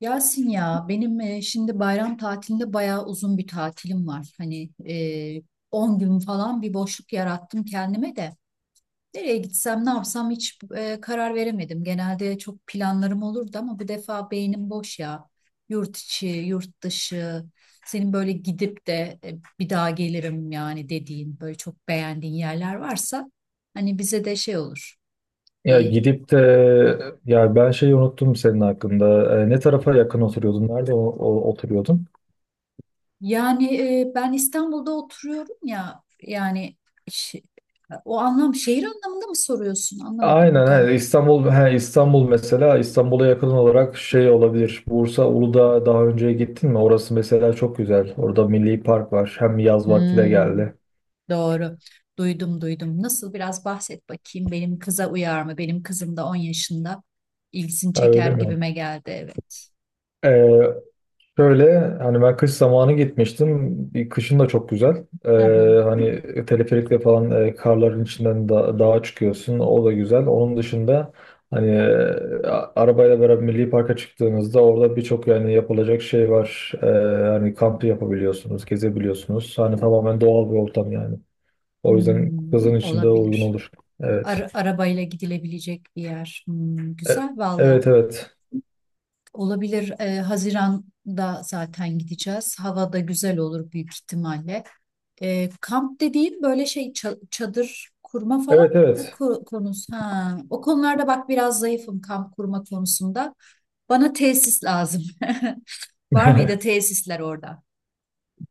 Yasin ya benim şimdi bayram tatilinde bayağı uzun bir tatilim var. 10 gün falan bir boşluk yarattım kendime de. Nereye gitsem ne yapsam karar veremedim. Genelde çok planlarım olurdu ama bu defa beynim boş ya. Yurt içi, yurt dışı, senin böyle gidip de bir daha gelirim yani dediğin böyle çok beğendiğin yerler varsa hani bize de şey olur. Ya gidip de Ya ben şeyi unuttum senin hakkında. Ne tarafa yakın oturuyordun? Nerede oturuyordun? Ben İstanbul'da oturuyorum ya yani şi- o anlam şehir anlamında mı soruyorsun? Anlamadım Aynen, tam. he, İstanbul, he, İstanbul mesela İstanbul'a yakın olarak şey olabilir. Bursa Uludağ'a daha önce gittin mi? Orası mesela çok güzel. Orada Milli Park var. Hem yaz vakti de Hmm, geldi. doğru. Duydum duydum. Nasıl biraz bahset bakayım. Benim kıza uyar mı? Benim kızım da 10 yaşında. İlgisini Ha, öyle çeker mi? gibime geldi, evet. Şöyle hani ben kış zamanı gitmiştim. Bir kışın da çok güzel. Hı hı. Hani teleferikle falan karların içinden da dağa çıkıyorsun. O da güzel. Onun dışında hani arabayla beraber Milli Park'a çıktığınızda orada birçok yani yapılacak şey var. Hani kamp yapabiliyorsunuz, gezebiliyorsunuz. Hani tamamen doğal bir ortam yani. O yüzden Hmm, kızın içinde uygun olabilir. olur. Evet. Arabayla gidilebilecek bir yer. Hmm, E- güzel valla. evet, evet. Olabilir. Haziran'da zaten gideceğiz. Hava da güzel olur büyük ihtimalle. Kamp dediğin böyle şey çadır kurma falan Evet, evet. Konusu. Ha, o konularda bak biraz zayıfım kamp kurma konusunda. Bana tesis lazım. Var mıydı tesisler orada?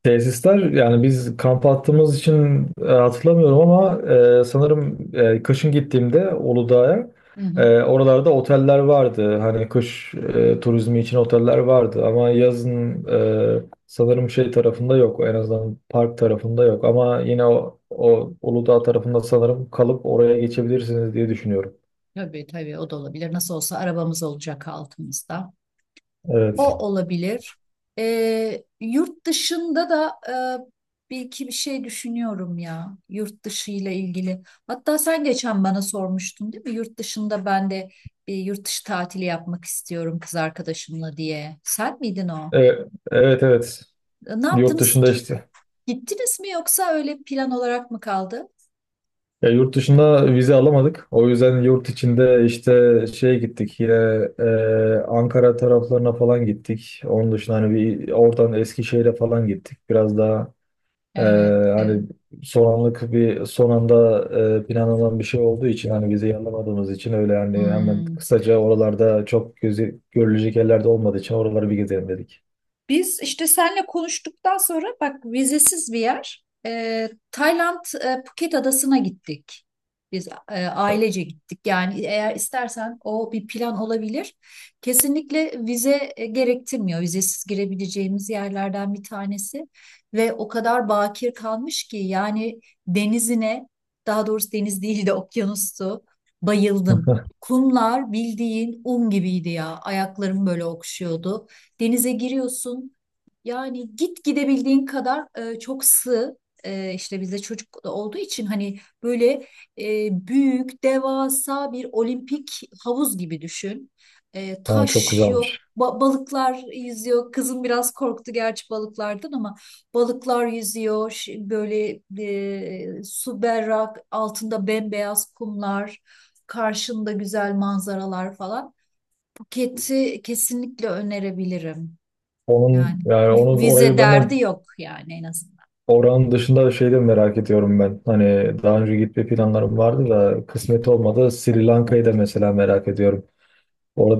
Tesisler, yani biz kamp attığımız için hatırlamıyorum ama sanırım kışın gittiğimde Uludağ'a Hı hı. Oralarda oteller vardı. Hani kış turizmi için oteller vardı ama yazın sanırım şey tarafında yok. En azından park tarafında yok ama yine o Uludağ tarafında sanırım kalıp oraya geçebilirsiniz diye düşünüyorum. Tabii tabii, o da olabilir. Nasıl olsa arabamız olacak altımızda. Evet. O olabilir. Yurt dışında da bir iki bir şey düşünüyorum ya. Yurt dışı ile ilgili. Hatta sen geçen bana sormuştun değil mi? Yurt dışında ben de bir yurt dışı tatili yapmak istiyorum kız arkadaşımla diye. Sen miydin o? E, evet, evet. Ne Yurt yaptınız dışında ki? işte. Gittiniz mi yoksa öyle plan olarak mı kaldı? Ya yurt dışında vize alamadık. O yüzden yurt içinde işte şeye gittik yine Ankara taraflarına falan gittik. Onun dışında hani bir oradan Eskişehir'e falan gittik. Biraz daha e, Evet, hani evet. Son anda planlanan bir şey olduğu için hani vizeyi alamadığımız için öyle yani hemen Hmm. kısaca oralarda çok görülecek yerlerde olmadığı için oraları bir gezelim dedik. Biz işte seninle konuştuktan sonra bak, vizesiz bir yer. Tayland, Phuket adasına gittik. Biz ailece gittik. Yani eğer istersen o bir plan olabilir. Kesinlikle vize gerektirmiyor. Vizesiz girebileceğimiz yerlerden bir tanesi. Ve o kadar bakir kalmış ki yani denizine, daha doğrusu deniz değil de okyanustu, bayıldım. Kumlar bildiğin un gibiydi ya. Ayaklarım böyle okşuyordu. Denize giriyorsun. Yani git gidebildiğin kadar, çok sığ. İşte bizde çocuk da olduğu için hani böyle, büyük, devasa bir olimpik havuz gibi düşün. Ha, çok Taş yok, güzelmiş. Balıklar yüzüyor. Kızım biraz korktu gerçi balıklardan ama balıklar yüzüyor. Böyle su berrak, altında bembeyaz kumlar, karşında güzel manzaralar falan. Phuket'i kesinlikle önerebilirim. Yani Onun yani onu vize orayı ben de... derdi yok yani en azından. Oranın dışında şey de merak ediyorum ben. Hani daha önce gitme planlarım vardı da kısmet olmadı. Sri Lanka'yı da mesela merak ediyorum.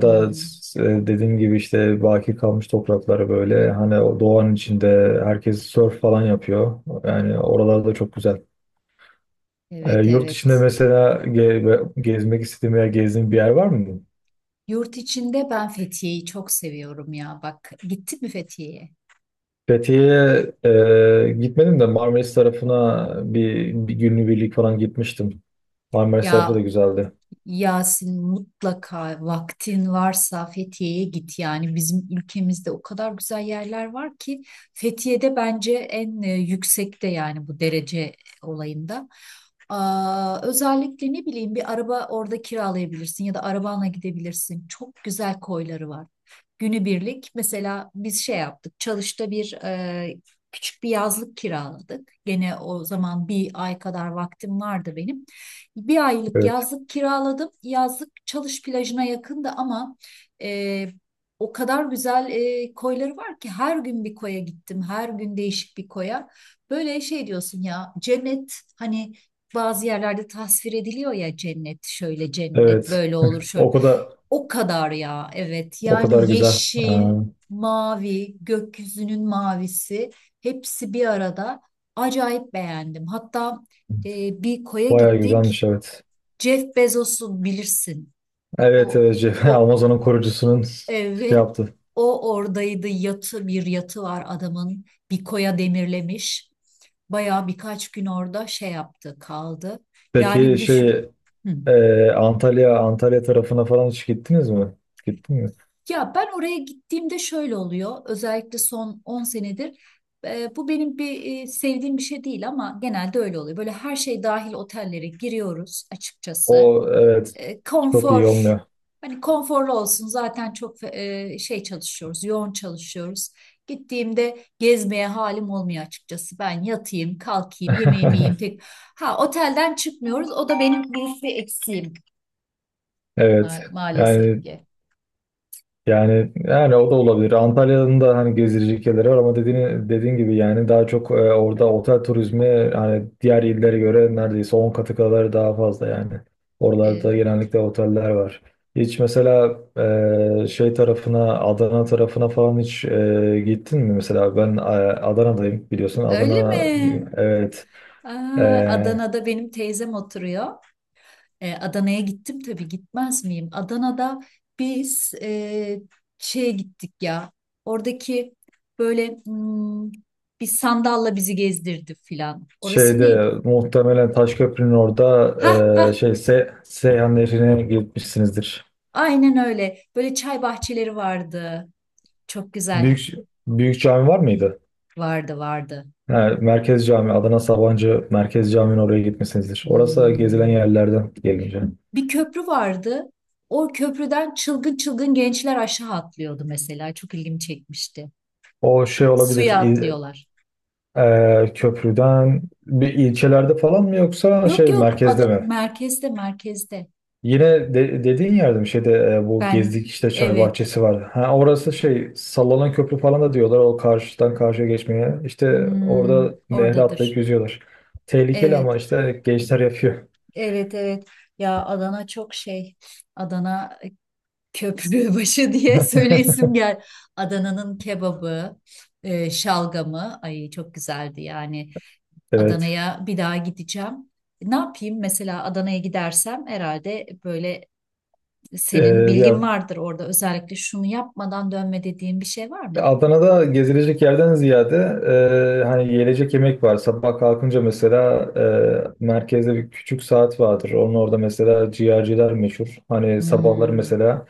Hı hı. Dediğim gibi işte baki kalmış toprakları böyle hani o doğanın içinde herkes surf falan yapıyor. Yani oralarda çok güzel. Evet Yurt içinde evet. mesela gezmek istediğim veya gezdiğim bir yer var mı? Yurt içinde ben Fethiye'yi çok seviyorum ya. Bak, gitti mi Fethiye'ye? Fethiye'ye gitmedim de Marmaris tarafına bir günlük birlik falan gitmiştim. Marmaris tarafı da Ya güzeldi. Yasin, mutlaka vaktin varsa Fethiye'ye git. Yani bizim ülkemizde o kadar güzel yerler var ki. Fethiye'de bence en yüksekte, yani bu derece olayında. Aa, özellikle ne bileyim, bir araba orada kiralayabilirsin ya da arabanla gidebilirsin. Çok güzel koyları var. Günübirlik mesela biz şey yaptık. Çalış'ta küçük bir yazlık kiraladık. Gene o zaman bir ay kadar vaktim vardı benim. Bir aylık Evet. yazlık kiraladım. Yazlık Çalış plajına yakındı ama e, o kadar güzel koyları var ki her gün bir koya gittim. Her gün değişik bir koya. Böyle şey diyorsun ya, cennet, hani bazı yerlerde tasvir ediliyor ya, cennet şöyle cennet Evet. böyle olur şöyle. O kadar O kadar ya, evet, o kadar yani güzel. Aa, yeşil, mavi, gökyüzünün mavisi, hepsi bir arada, acayip beğendim. Hatta bir koya bayağı güzelmiş, gittik, evet. Jeff Bezos'u bilirsin, Evet, o, evet, Jeff, o, Amazon'un kurucusunun şey evet, yaptı. o oradaydı. Yatı, bir yatı var adamın. Bir koya demirlemiş. Bayağı birkaç gün orada şey yaptı, kaldı. Peki Yani düşün. şey, Hı. Antalya tarafına falan hiç gittiniz mi? Gittin mi? Ya ben oraya gittiğimde şöyle oluyor. Özellikle son 10 senedir, bu benim bir sevdiğim bir şey değil ama genelde öyle oluyor. Böyle her şey dahil otellere giriyoruz açıkçası. O, evet, e, çok iyi konfor olmuyor. hani konforlu olsun, zaten çok çalışıyoruz, yoğun çalışıyoruz. Gittiğimde gezmeye halim olmuyor açıkçası. Ben yatayım, kalkayım, yemeğimi yiyeyim. Pek... Ha, otelden çıkmıyoruz. O da benim büyük bir eksiğim Evet. maalesef Yani, ki. O da olabilir. Antalya'nın da hani gezilecek yerleri var ama dediğin gibi yani daha çok orada otel turizmi hani diğer illere göre neredeyse 10 katı kadar daha fazla yani. Oralarda E, genellikle oteller var. Hiç mesela e, şey tarafına Adana tarafına falan hiç gittin mi? Mesela ben Adana'dayım, biliyorsun. öyle Adana, mi? evet. E, Aa, Adana'da benim teyzem oturuyor. E, Adana'ya gittim tabii, gitmez miyim? Adana'da biz şeye gittik ya. Oradaki böyle hmm, bir sandalla bizi gezdirdi filan. Orası neydi? Şeyde Muhtemelen Taşköprü'nün orada Ha ha, e, şey Se Seyhan Nehri'ne gitmişsinizdir. aynen öyle. Böyle çay bahçeleri vardı. Çok güzel. Büyük büyük cami var mıydı? Vardı vardı. Ha, Merkez Cami, Adana Sabancı Merkez Cami'nin oraya gitmişsinizdir. Orası gezilen Hmm. yerlerden gelince. Bir köprü vardı. O köprüden çılgın çılgın gençler aşağı atlıyordu mesela. Çok ilgimi çekmişti. O şey olabilir, Suya atlıyorlar. Köprüden bir ilçelerde falan mı yoksa Yok şey yok, merkezde ada mi? merkezde, merkezde. Yine de, dediğin yerde mi, şeyde bu Ben gezdik işte çay evet. bahçesi var. Ha, orası şey sallanan köprü falan da diyorlar o karşıdan karşıya geçmeye. İşte Hmm, orada nehre atlayıp oradadır. yüzüyorlar. Tehlikeli Evet ama işte gençler yapıyor. evet evet, ya Adana çok şey, Adana köprü başı diye söyleyesim gel. Adana'nın kebabı, şalgamı, ay çok güzeldi yani. Evet. Adana'ya bir daha gideceğim. Ne yapayım mesela Adana'ya gidersem herhalde böyle, senin Ee, bilgin Ya vardır orada, özellikle şunu yapmadan dönme dediğin bir şey var mı? Adana'da gezilecek yerden ziyade hani yiyecek yemek var. Sabah kalkınca mesela merkezde bir küçük saat vardır. Onun orada mesela ciğerciler meşhur. Hani sabahları Hmm, mesela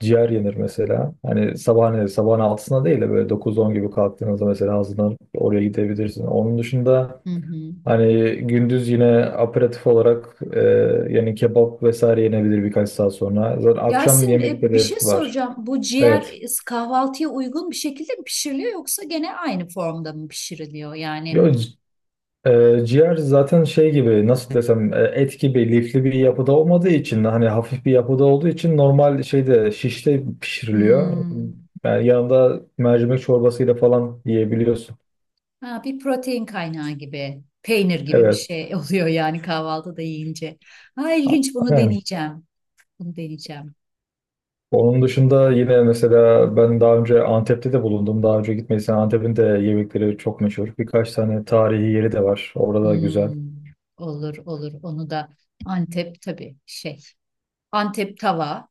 ciğer yenir mesela. Hani sabahın 6'sında değil de böyle 9-10 gibi kalktığınızda mesela hazırlanıp oraya gidebilirsin. Onun dışında hı hı. hani gündüz yine aperatif olarak yani kebap vesaire yenebilir birkaç saat sonra. Zaten akşam Yasin, bir yemekleri şey var. soracağım. Bu ciğer Evet. e, kahvaltıya uygun bir şekilde mi pişiriliyor yoksa gene aynı formda mı pişiriliyor? Yani Yok. Ciğer zaten şey gibi, nasıl desem, et gibi lifli bir yapıda olmadığı için hani hafif bir yapıda olduğu için normal şeyde şişte pişiriliyor. hmm, Yani yanında mercimek çorbasıyla falan yiyebiliyorsun. ha, bir protein kaynağı gibi, peynir gibi bir Evet. şey oluyor yani kahvaltıda yiyince. Ha ilginç, bunu Yani deneyeceğim. Bunu deneyeceğim. onun dışında yine mesela ben daha önce Antep'te de bulundum. Daha önce gitmediysen Antep'in de yemekleri çok meşhur. Birkaç tane tarihi yeri de var. Orada da güzel. Hmm, olur olur, onu da. Antep, tabii şey. Antep tava.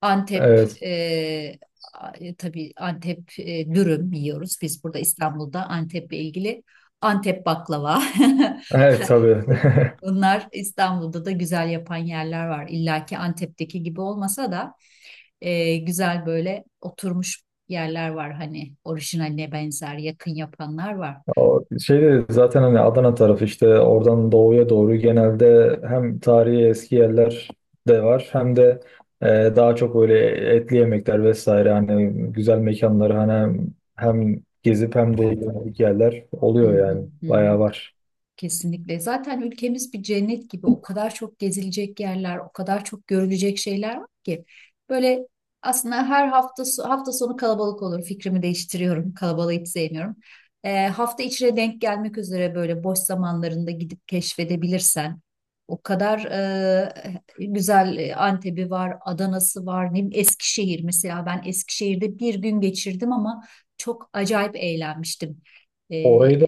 Antep Evet. e, a- e, tabii Antep dürüm yiyoruz. Biz burada İstanbul'da Antep'le ilgili, Antep baklava. Evet, tabii. Bunlar İstanbul'da da güzel yapan yerler var. İlla ki Antep'teki gibi olmasa da güzel böyle oturmuş yerler var. Hani orijinaline benzer, yakın yapanlar var. O şeyde zaten hani Adana tarafı işte oradan doğuya doğru genelde hem tarihi eski yerler de var hem de e, daha çok böyle etli yemekler vesaire hani güzel mekanlar hani hem gezip hem de yemek yerler Hı hı, oluyor yani hı hı. bayağı var. Kesinlikle. Zaten ülkemiz bir cennet gibi. O kadar çok gezilecek yerler, o kadar çok görülecek şeyler var ki. Böyle aslında her hafta hafta sonu kalabalık olur. Fikrimi değiştiriyorum. Kalabalığı hiç sevmiyorum. Hafta içine denk gelmek üzere böyle boş zamanlarında gidip keşfedebilirsen. O kadar güzel Antep'i var, Adana'sı var, ne bileyim, Eskişehir mesela. Ben Eskişehir'de bir gün geçirdim ama çok acayip eğlenmiştim. Ee, Orayı da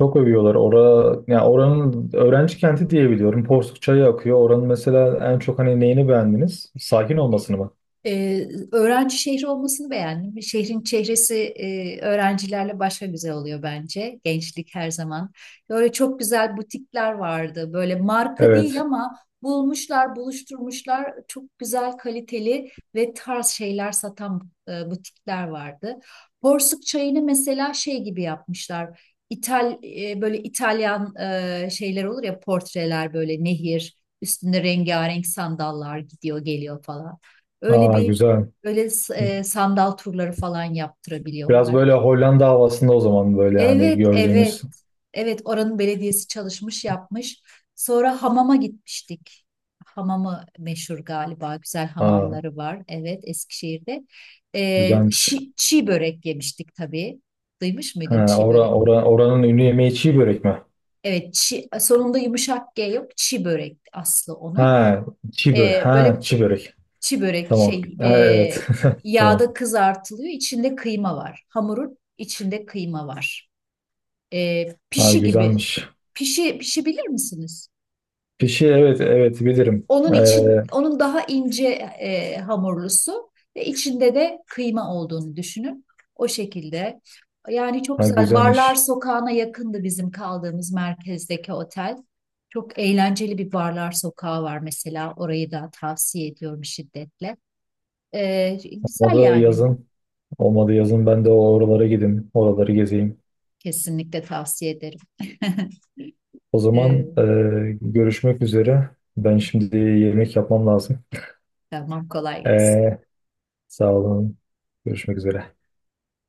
çok övüyorlar. Yani oranın öğrenci kenti diye biliyorum. Porsuk çayı akıyor. Oranın mesela en çok hani neyini beğendiniz? Sakin olmasını mı? Öğrenci şehri olmasını beğendim. Şehrin çehresi öğrencilerle başka güzel oluyor bence. Gençlik her zaman. Böyle çok güzel butikler vardı. Böyle marka değil Evet. ama bulmuşlar, buluşturmuşlar. Çok güzel, kaliteli ve tarz şeyler satan butikler vardı. Porsuk çayını mesela şey gibi yapmışlar. Böyle İtalyan şeyler olur ya, portreler, böyle nehir üstünde rengarenk sandallar gidiyor geliyor falan. Öyle Aa, bir, güzel. öyle sandal turları falan Biraz yaptırabiliyorlar. böyle Hollanda havasında o zaman böyle hani Evet, evet. gördüğümüz. Evet, oranın belediyesi çalışmış, yapmış. Sonra hamama gitmiştik. Hamamı meşhur galiba. Güzel Aa, hamamları var. Evet, Eskişehir'de. Güzelmiş. Çiğ börek yemiştik tabii. Duymuş muydun Ha, çiğ börek? Oranın ünlü yemeği çiğ börek mi? Evet, sonunda yumuşak G yok. Çiğ börek aslı onun. Ha, çiğ börek. Ha, Böyle çiğ börek. çi börek Tamam. şey Ha, e, evet. Tamam. yağda kızartılıyor. İçinde kıyma var. Hamurun içinde kıyma var. E, Ha, pişi gibi. güzelmiş. Pişi, pişi bilir misiniz siz? Fişi, evet, evet, bilirim. Onun için, onun daha ince hamurlusu ve içinde de kıyma olduğunu düşünün. O şekilde. Yani çok Ha, güzel. Barlar güzelmiş. Sokağı'na yakındı bizim kaldığımız merkezdeki otel. Çok eğlenceli bir barlar sokağı var mesela. Orayı da tavsiye ediyorum şiddetle. Güzel Olmadı yani. yazın. Olmadı yazın ben de oralara gideyim. Oraları gezeyim. Kesinlikle tavsiye ederim. O Ee, zaman görüşmek üzere. Ben şimdi yemek yapmam lazım. tamam, kolay gelsin. Ee, Sağ olun. Görüşmek üzere.